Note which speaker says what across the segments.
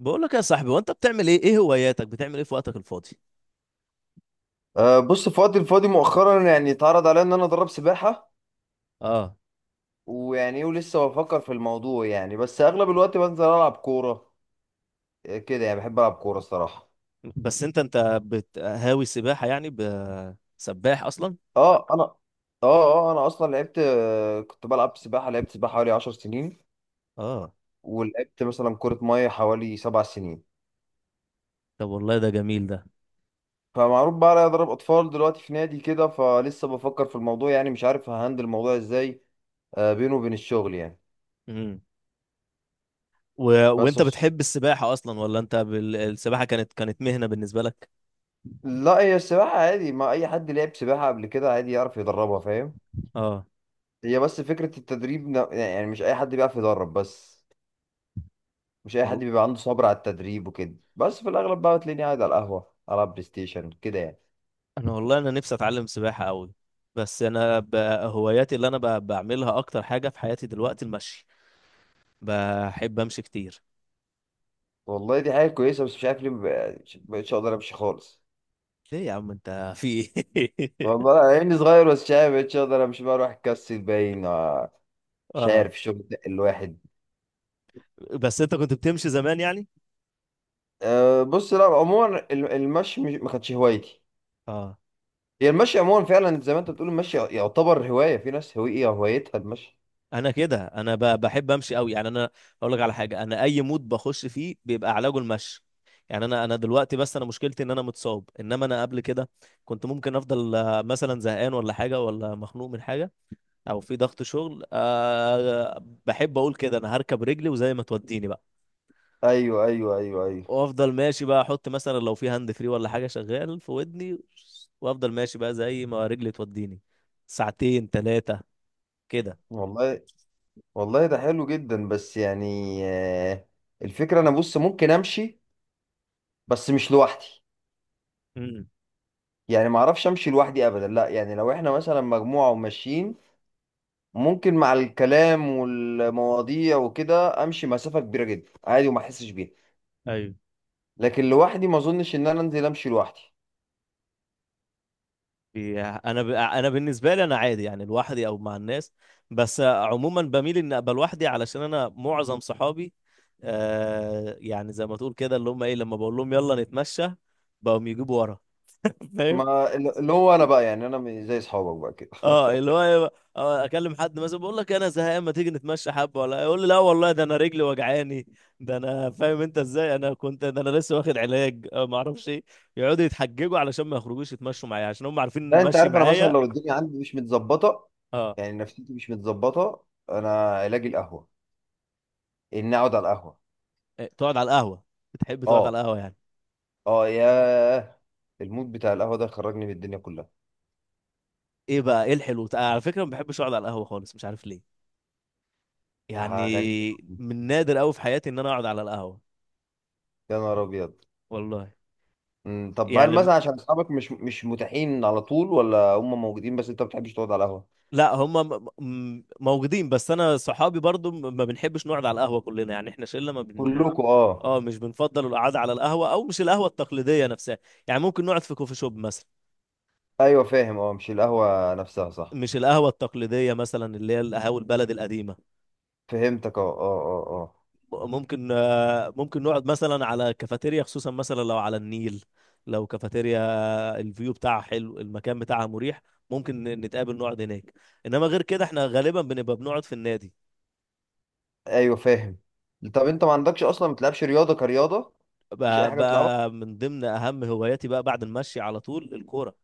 Speaker 1: بقول لك يا صاحبي، وانت بتعمل ايه؟ ايه هواياتك؟ بتعمل ايه في وقتك الفاضي؟
Speaker 2: بص في وقتي الفاضي مؤخرا اتعرض عليا ان انا ادرب سباحه
Speaker 1: اه.
Speaker 2: ويعني ايه ولسه بفكر في الموضوع يعني بس اغلب الوقت بنزل العب كوره، كده يعني بحب العب كوره الصراحه.
Speaker 1: بس انت هاوي سباحة يعني؟ سباح اصلا؟
Speaker 2: اه انا اه اه انا اصلا لعبت، كنت بلعب سباحه، لعبت سباحه حوالي 10 سنين
Speaker 1: اه.
Speaker 2: ولعبت مثلا كره ميه حوالي 7 سنين.
Speaker 1: طب والله ده جميل ده.
Speaker 2: فمعروف بقى عليا اضرب اطفال دلوقتي في نادي كده، فلسه بفكر في الموضوع يعني مش عارف ههندل الموضوع ازاي بينه وبين الشغل يعني.
Speaker 1: امم و... وانت
Speaker 2: بس
Speaker 1: بتحب السباحة اصلا، ولا انت السباحة كانت مهنة بالنسبة لك؟
Speaker 2: لا، هي السباحة عادي، ما أي حد لعب سباحة قبل كده عادي يعرف يدربها، فاهم؟
Speaker 1: اه.
Speaker 2: هي بس فكرة التدريب، يعني مش أي حد بيعرف يدرب بس. مش أي حد
Speaker 1: وال...
Speaker 2: بيبقى عنده صبر على التدريب وكده، بس في الأغلب بقى تلاقيني قاعد على القهوة ألعب بلاي ستيشن كده يعني.
Speaker 1: انا والله انا نفسي اتعلم سباحة قوي. بس انا ب... هواياتي اللي انا بعملها اكتر حاجة في حياتي دلوقتي المشي. بحب امشي كتير.
Speaker 2: والله دي حاجة كويسة، بس مش عارف ليه مبقتش أقدر أمشي خالص.
Speaker 1: ليه يا عم؟ انت في ايه؟
Speaker 2: والله أنا عيني صغير، بس مش عارف مبقتش أقدر أمشي، بقى أروح أكسل باين مش
Speaker 1: اه.
Speaker 2: عارف الشغل ده الواحد.
Speaker 1: بس انت كنت بتمشي زمان يعني؟
Speaker 2: بص، لا عموما المشي ما كانتش هوايتي.
Speaker 1: اه.
Speaker 2: هي المشي عموما فعلا زي ما انت بتقول، المشي يعتبر هواية، في ناس هوية هوايتها المشي.
Speaker 1: انا كده انا بحب امشي قوي يعني. انا اقول لك على حاجه، انا اي مود بخش فيه بيبقى علاجه المشي. يعني انا دلوقتي، بس انا مشكلتي ان انا متصاب، انما انا قبل كده كنت ممكن افضل مثلا زهقان ولا حاجه، ولا مخنوق من حاجه، او في ضغط شغل. بحب اقول كده انا هركب رجلي وزي ما توديني بقى.
Speaker 2: ايوه ايوه ايوه ايوه،
Speaker 1: وافضل ماشي بقى، احط مثلا لو في هاند فري ولا حاجه شغال في ودني، وافضل ماشي بقى زي ما رجلي توديني. ساعتين ثلاثه كده.
Speaker 2: والله. والله ده حلو جدا، بس يعني الفكرة انا بص ممكن امشي بس مش لوحدي.
Speaker 1: امم.
Speaker 2: يعني ما اعرفش امشي لوحدي ابدا، لا يعني لو احنا مثلا مجموعة وماشيين ممكن مع الكلام والمواضيع وكده امشي مسافة كبيرة جدا عادي وما احسش بيها.
Speaker 1: ايوه،
Speaker 2: لكن لوحدي ما اظنش ان انا انزل امشي لوحدي.
Speaker 1: انا انا بالنسبه لي انا عادي، يعني لوحدي او مع الناس. بس عموما بميل ان ابقى لوحدي، علشان انا معظم صحابي آه، يعني زي ما تقول كده، اللي هم ايه، لما بقول لهم يلا نتمشى بقوم يجيبوا ورا. فاهم؟
Speaker 2: ما اللي هو انا بقى يعني انا زي اصحابك بقى كده.
Speaker 1: اه، اللي هو إيه، آه، اكلم حد مثلا بقول لك انا زهقان، ما تيجي نتمشى حبه، ولا يقول لي لا والله ده انا رجلي وجعاني، ده انا فاهم انت ازاي؟ انا كنت ده انا لسه واخد علاج آه، ما اعرفش ايه. يقعدوا يتحججوا علشان ما يخرجوش يتمشوا معايا، عشان هم عارفين إن
Speaker 2: لا انت
Speaker 1: المشي
Speaker 2: عارف، انا مثلا
Speaker 1: معايا.
Speaker 2: لو الدنيا عندي مش متظبطه،
Speaker 1: اه.
Speaker 2: يعني نفسيتي مش متظبطه، انا علاجي القهوه، ان اقعد على القهوه.
Speaker 1: إيه، تقعد على القهوه؟ بتحب تقعد
Speaker 2: اه.
Speaker 1: على القهوه يعني؟
Speaker 2: اه ياه، المود بتاع القهوه ده خرجني من الدنيا كلها.
Speaker 1: ايه بقى ايه الحلو؟ على فكره ما بحبش اقعد على القهوه خالص، مش عارف ليه
Speaker 2: ده غريب
Speaker 1: يعني.
Speaker 2: أوي.
Speaker 1: من نادر قوي في حياتي ان انا اقعد على القهوه.
Speaker 2: يا نهار ابيض.
Speaker 1: والله.
Speaker 2: طب هل
Speaker 1: يعني
Speaker 2: مثلا عشان اصحابك مش مش متاحين على طول، ولا هم موجودين بس انت ما بتحبش تقعد على القهوه؟
Speaker 1: لا، هم موجودين، بس انا صحابي برضو ما بنحبش نقعد على القهوه كلنا يعني، احنا شله ما بن.
Speaker 2: كلكم اه؟
Speaker 1: اه مش بنفضل القعده على القهوه، او مش القهوه التقليديه نفسها يعني. ممكن نقعد في كوفي شوب مثلا.
Speaker 2: ايوه فاهم، اه مش القهوه نفسها صح.
Speaker 1: مش القهوه التقليديه مثلا اللي هي القهاوي البلد القديمه.
Speaker 2: فهمتك اه اه اه.
Speaker 1: ممكن آه، ممكن نقعد مثلا على كافيتيريا، خصوصا مثلا لو على النيل، لو كافيتيريا الفيو بتاعها حلو، المكان بتاعها مريح، ممكن نتقابل نقعد هناك. انما غير كده احنا غالبا بنبقى بنقعد في النادي.
Speaker 2: اه ايوه فاهم. طب انت ما عندكش اصلا، ما بتلعبش رياضه كرياضه؟ مفيش اي
Speaker 1: بقى,
Speaker 2: حاجه بتلعبها؟
Speaker 1: بقى من ضمن اهم هواياتي بقى بعد المشي على طول الكورة.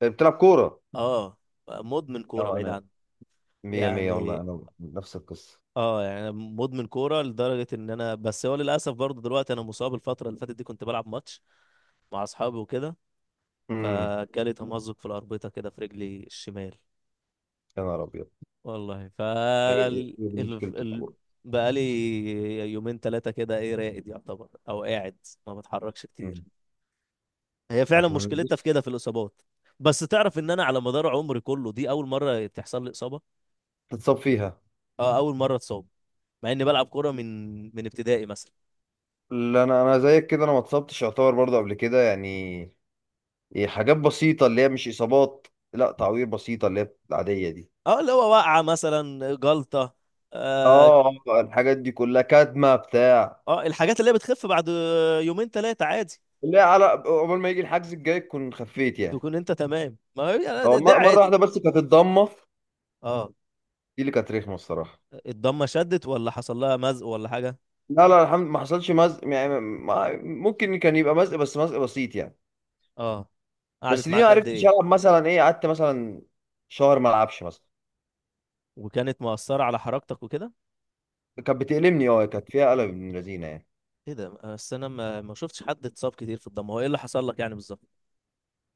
Speaker 2: بتلعب كوره؟
Speaker 1: اه، مدمن كورة
Speaker 2: اه
Speaker 1: بعيد
Speaker 2: انا
Speaker 1: عني.
Speaker 2: مية مية
Speaker 1: يعني
Speaker 2: والله، انا نفس القصة.
Speaker 1: اه، يعني أنا مدمن كورة لدرجة ان انا، بس هو للاسف برضه دلوقتي انا مصاب. الفترة اللي فاتت دي كنت بلعب ماتش مع اصحابي وكده،
Speaker 2: امم.
Speaker 1: فجالي تمزق في الأربطة كده في رجلي الشمال.
Speaker 2: يا نهار ابيض.
Speaker 1: والله ف
Speaker 2: هي
Speaker 1: ال...
Speaker 2: هي دي مشكلة
Speaker 1: ال... ال...
Speaker 2: الكورة.
Speaker 1: بقالي يومين ثلاثة كده، ايه، راقد يعتبر او قاعد، ما بتحركش كتير.
Speaker 2: امم.
Speaker 1: هي فعلا
Speaker 2: احنا
Speaker 1: مشكلتها في
Speaker 2: بنبص.
Speaker 1: كده، في الإصابات. بس تعرف ان انا على مدار عمري كله دي اول مرة تحصل لي إصابة؟
Speaker 2: تتصاب فيها.
Speaker 1: اه، اول مرة اتصاب، مع اني بلعب كورة من من ابتدائي مثلا.
Speaker 2: لا انا انا زيك كده، انا ما اتصبتش يعتبر برضه قبل كده يعني. إيه حاجات بسيطة اللي هي مش اصابات. لا تعوير بسيطة اللي هي العادية دي.
Speaker 1: اه، اللي هو وقعة مثلا، جلطة. اه،
Speaker 2: اه، الحاجات دي كلها كدمة بتاع.
Speaker 1: آه، الحاجات اللي هي بتخف بعد يومين ثلاثة عادي.
Speaker 2: اللي هي على قبل ما يجي الحجز الجاي تكون خفيت يعني.
Speaker 1: تكون انت تمام، ما هي. ده
Speaker 2: اه،
Speaker 1: ده
Speaker 2: مرة
Speaker 1: عادي.
Speaker 2: واحدة بس كانت الضمة،
Speaker 1: اه.
Speaker 2: دي اللي كانت رخمة الصراحة.
Speaker 1: الضمة شدت ولا حصل لها مزق ولا حاجة؟
Speaker 2: لا لا الحمد ما حصلش مزق، يعني ممكن كان يبقى مزق بس مزق بسيط يعني.
Speaker 1: اه،
Speaker 2: بس
Speaker 1: قعدت
Speaker 2: دي ما
Speaker 1: معاك قد
Speaker 2: عرفتش
Speaker 1: ايه؟
Speaker 2: العب مثلا، ايه قعدت مثلا شهر ما العبش مثلا.
Speaker 1: وكانت مؤثرة على حركتك وكده؟
Speaker 2: كانت بتألمني اه، كانت فيها قلب من لذينه يعني.
Speaker 1: ايه ده؟ بس انا ما شفتش حد اتصاب كتير في الضمة. هو ايه اللي حصل لك يعني بالظبط؟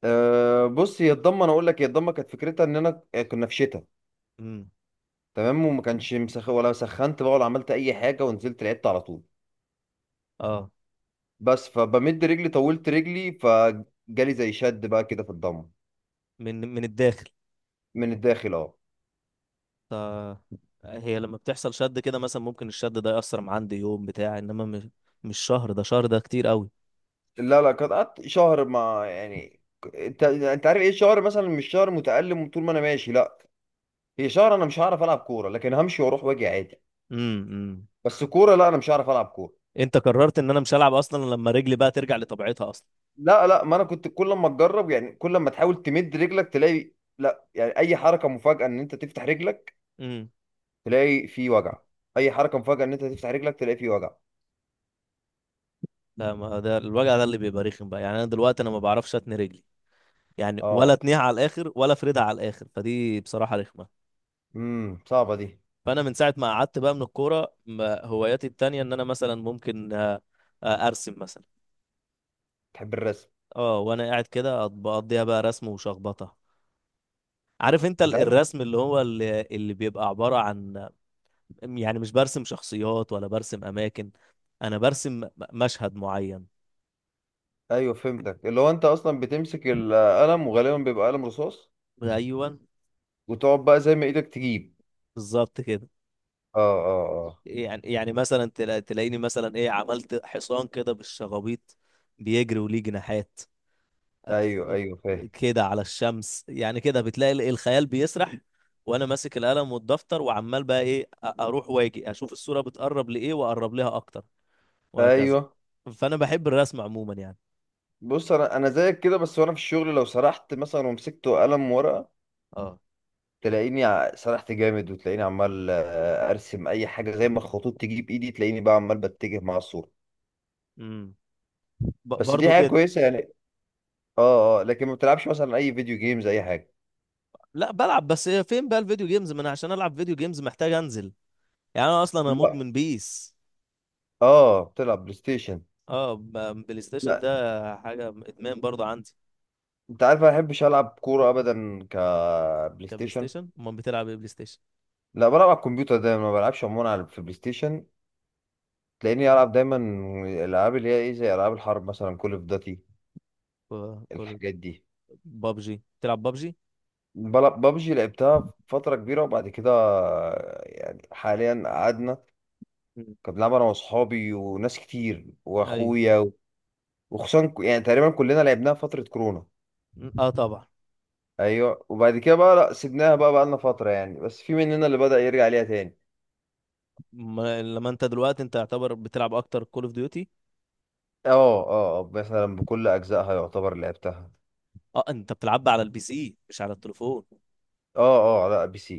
Speaker 2: بص، هي الضمه انا اقول لك، هي الضمه كانت فكرتها ان انا كنا في شتاء،
Speaker 1: امم.
Speaker 2: تمام، وما كانش مسخ ولا سخنت بقى ولا عملت اي حاجه، ونزلت لعبت على طول.
Speaker 1: اه،
Speaker 2: بس فبمد رجلي طولت رجلي فجالي زي شد بقى كده في الضمه.
Speaker 1: من من الداخل.
Speaker 2: من الداخل اه.
Speaker 1: ف هي لما بتحصل شد كده مثلا، ممكن الشد ده يأثر مع عندي يوم بتاع، انما مش مش شهر، ده شهر ده كتير قوي.
Speaker 2: لا لا كانت قعدت شهر، ما يعني انت عارف ايه الشهر مثلا مش شهر متألم، طول ما انا ماشي لا. هي شهر انا مش هعرف العب كوره، لكن همشي واروح واجي عادي.
Speaker 1: امم، امم.
Speaker 2: بس كوره لا انا مش هعرف العب كوره.
Speaker 1: انت قررت ان انا مش هلعب اصلا لما رجلي بقى ترجع لطبيعتها اصلا؟
Speaker 2: لا لا، ما انا كنت كل ما تجرب، يعني كل ما تحاول تمد رجلك تلاقي، لا يعني اي حركه مفاجاه ان انت تفتح رجلك
Speaker 1: امم.
Speaker 2: تلاقي في وجع. اي حركه مفاجاه ان انت تفتح رجلك تلاقي في وجع.
Speaker 1: لا، ما ده الوجع ده اللي بيبقى رخم بقى يعني. انا دلوقتي انا ما بعرفش اتني رجلي يعني، ولا
Speaker 2: اه.
Speaker 1: اتنيها على الاخر، ولا فريدة على الاخر، فدي بصراحة رخمة.
Speaker 2: صعبه دي.
Speaker 1: فانا من ساعة ما قعدت بقى من الكورة، هواياتي التانية ان انا مثلا ممكن آه، آه، ارسم مثلا.
Speaker 2: تحب الرسم.
Speaker 1: اه، وانا قاعد كده بقضيها بقى رسم وشخبطة. عارف انت
Speaker 2: انت عارف.
Speaker 1: الرسم، اللي هو اللي, بيبقى عبارة عن يعني، مش برسم شخصيات ولا برسم اماكن، انا برسم مشهد معين.
Speaker 2: ايوه فهمتك، اللي هو انت اصلا بتمسك القلم وغالبا بيبقى قلم رصاص
Speaker 1: ايوه
Speaker 2: وتقعد بقى زي ما ايدك تجيب.
Speaker 1: بالظبط كده.
Speaker 2: اه اه
Speaker 1: يعني يعني مثلا تلاقيني مثلا ايه عملت حصان كده بالشغابيط، بيجري وليه جناحات،
Speaker 2: اه. ايوه ايوه فاهم.
Speaker 1: كده على الشمس يعني، كده بتلاقي الخيال بيسرح. وانا ماسك القلم والدفتر وعمال بقى ايه، اروح واجي اشوف الصورة بتقرب لايه واقرب لها اكتر، وهكذا.
Speaker 2: ايوه.
Speaker 1: فانا بحب الرسم عموما يعني.
Speaker 2: بص انا زيك كده، بس وانا في الشغل لو سرحت مثلا ومسكت قلم ورقه
Speaker 1: اه.
Speaker 2: تلاقيني سرحت جامد، وتلاقيني عمال ارسم اي حاجه زي ما الخطوط تيجي بايدي، تلاقيني بقى عمال بتجه مع الصوره.
Speaker 1: امم.
Speaker 2: بس دي
Speaker 1: برضو
Speaker 2: حاجه
Speaker 1: كده.
Speaker 2: كويسه يعني. اه اه، لكن ما بتلعبش مثلا اي فيديو جيمز اي حاجه؟
Speaker 1: لا بلعب، بس إيه، فين بقى الفيديو جيمز؟ ما انا عشان العب فيديو جيمز محتاج انزل يعني. انا اصلا انا
Speaker 2: لا.
Speaker 1: مدمن بيس.
Speaker 2: اه بتلعب بلاي ستيشن؟
Speaker 1: اه، بلاي ستيشن
Speaker 2: لا
Speaker 1: ده حاجة ادمان برضو عندي.
Speaker 2: انت عارف انا ما بحبش العب كوره ابدا كبلاي
Speaker 1: كان بلاي
Speaker 2: ستيشن.
Speaker 1: ستيشن، امال بتلعب ايه بلاي ستيشن؟
Speaker 2: لا بلعب على الكمبيوتر ده، ما بلعبش عموما على في بلاي ستيشن. تلاقيني العب دايما الالعاب اللي هي ايه زي العاب الحرب مثلا كول اوف داتي،
Speaker 1: كول.
Speaker 2: الحاجات دي.
Speaker 1: بابجي، بتلعب بابجي؟
Speaker 2: ببجي لعبتها فتره كبيره، وبعد كده يعني حاليا قعدنا.
Speaker 1: مم.
Speaker 2: كنت بلعب انا واصحابي وناس كتير
Speaker 1: ايوه.
Speaker 2: واخويا، وخصوصا يعني تقريبا كلنا لعبناها فتره كورونا.
Speaker 1: اه طبعا.
Speaker 2: ايوه وبعد كده بقى لا سيبناها، بقى بقى لنا فتره يعني، بس في مننا اللي بدأ يرجع ليها تاني.
Speaker 1: ما لما انت دلوقتي انت يعتبر بتلعب اكتر كول اوف ديوتي.
Speaker 2: اه. اه مثلا بكل اجزائها يعتبر لعبتها.
Speaker 1: اه، انت بتلعب على البي سي مش على التليفون؟
Speaker 2: اه اه لا بي سي.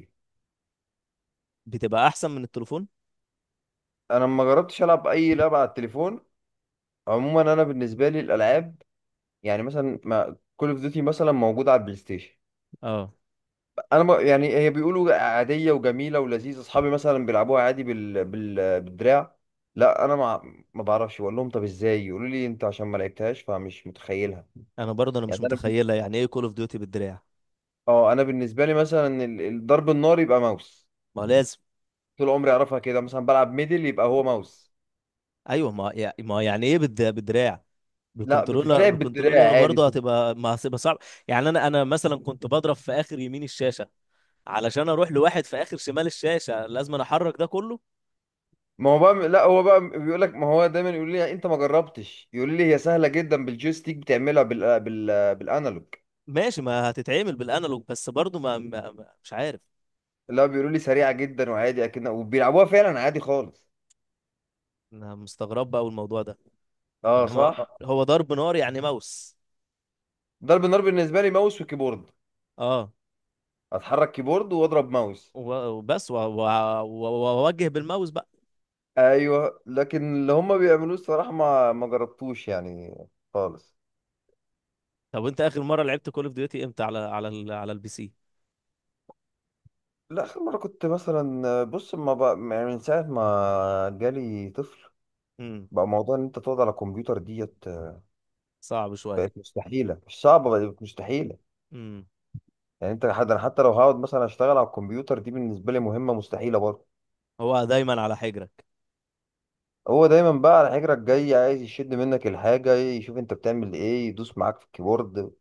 Speaker 1: بتبقى احسن من التليفون.
Speaker 2: انا ما جربتش العب اي لعبه على التليفون. عموما انا بالنسبه لي الالعاب، يعني مثلا ما كول اوف ديوتي مثلا موجودة على البلاي ستيشن،
Speaker 1: اه،
Speaker 2: انا ما يعني هي بيقولوا عادية وجميلة ولذيذة، اصحابي مثلا بيلعبوها عادي بالدراع. لا انا ما بعرفش، بقول لهم طب ازاي، يقولوا لي انت عشان ما لعبتهاش فمش متخيلها.
Speaker 1: انا برضه انا مش
Speaker 2: يعني انا
Speaker 1: متخيله يعني ايه كول اوف ديوتي بالدراع.
Speaker 2: اه انا بالنسبة لي مثلا الضرب النار يبقى ماوس.
Speaker 1: ما لازم.
Speaker 2: طول عمري اعرفها كده، مثلا بلعب ميدل يبقى هو ماوس.
Speaker 1: ايوه، ما يعني ايه بالدراع،
Speaker 2: لا
Speaker 1: بالكنترولر؟
Speaker 2: بتتلعب بالدراع
Speaker 1: بالكنترولر
Speaker 2: عادي
Speaker 1: برضه هتبقى، ما هتبقى صعب. يعني انا، انا مثلا كنت بضرب في اخر يمين الشاشه، علشان اروح لواحد في اخر شمال الشاشه لازم أنا احرك ده كله.
Speaker 2: ما هو بقى، لا هو بقى بيقول لك، ما هو دايما يقول لي انت ما جربتش، يقول لي هي سهله جدا بالجويستيك بتعملها بالانالوج.
Speaker 1: ماشي، ما هتتعمل بالانالوج، بس برضه مش عارف.
Speaker 2: لا بيقولوا لي سريعه جدا وعادي اكن، وبيلعبوها فعلا عادي خالص.
Speaker 1: انا مستغرب بقى الموضوع ده.
Speaker 2: اه
Speaker 1: انما
Speaker 2: صح.
Speaker 1: هو ضرب نار يعني موس؟
Speaker 2: ضرب النار بالنسبه لي ماوس وكيبورد،
Speaker 1: اه،
Speaker 2: اتحرك كيبورد واضرب ماوس.
Speaker 1: وبس واوجه بالماوس بقى.
Speaker 2: ايوه لكن اللي هم بيعملوه الصراحه ما جربتوش يعني خالص.
Speaker 1: طب انت اخر مره لعبت كول اوف ديوتي امتى، على على على البي سي؟
Speaker 2: لا اخر مره كنت مثلا بص، ما بقى يعني من ساعه ما جالي طفل
Speaker 1: امم.
Speaker 2: بقى موضوع ان انت تقعد على كمبيوتر ديت
Speaker 1: صعب شويه.
Speaker 2: بقت مستحيله. مش صعبه بقت مستحيله.
Speaker 1: امم.
Speaker 2: يعني انت حد، انا حتى لو هقعد مثلا اشتغل على الكمبيوتر دي بالنسبه لي مهمه مستحيله برضه.
Speaker 1: هو دايما على حجرك.
Speaker 2: هو دايما بقى على حجرك جاي عايز يشد منك الحاجة، يشوف انت بتعمل ايه، يدوس معاك في الكيبورد،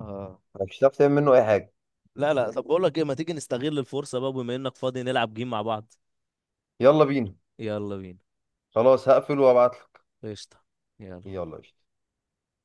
Speaker 1: اه.
Speaker 2: مش هتعرف تعمل منه اي حاجة.
Speaker 1: لا لا، طب بقول لك ايه، ما تيجي نستغل الفرصه بقى بما انك فاضي نلعب جيم مع بعض؟
Speaker 2: يلا بينا.
Speaker 1: يلا بينا.
Speaker 2: خلاص هقفل وابعتلك.
Speaker 1: قشطه. يلا.
Speaker 2: يلا يا شيخ.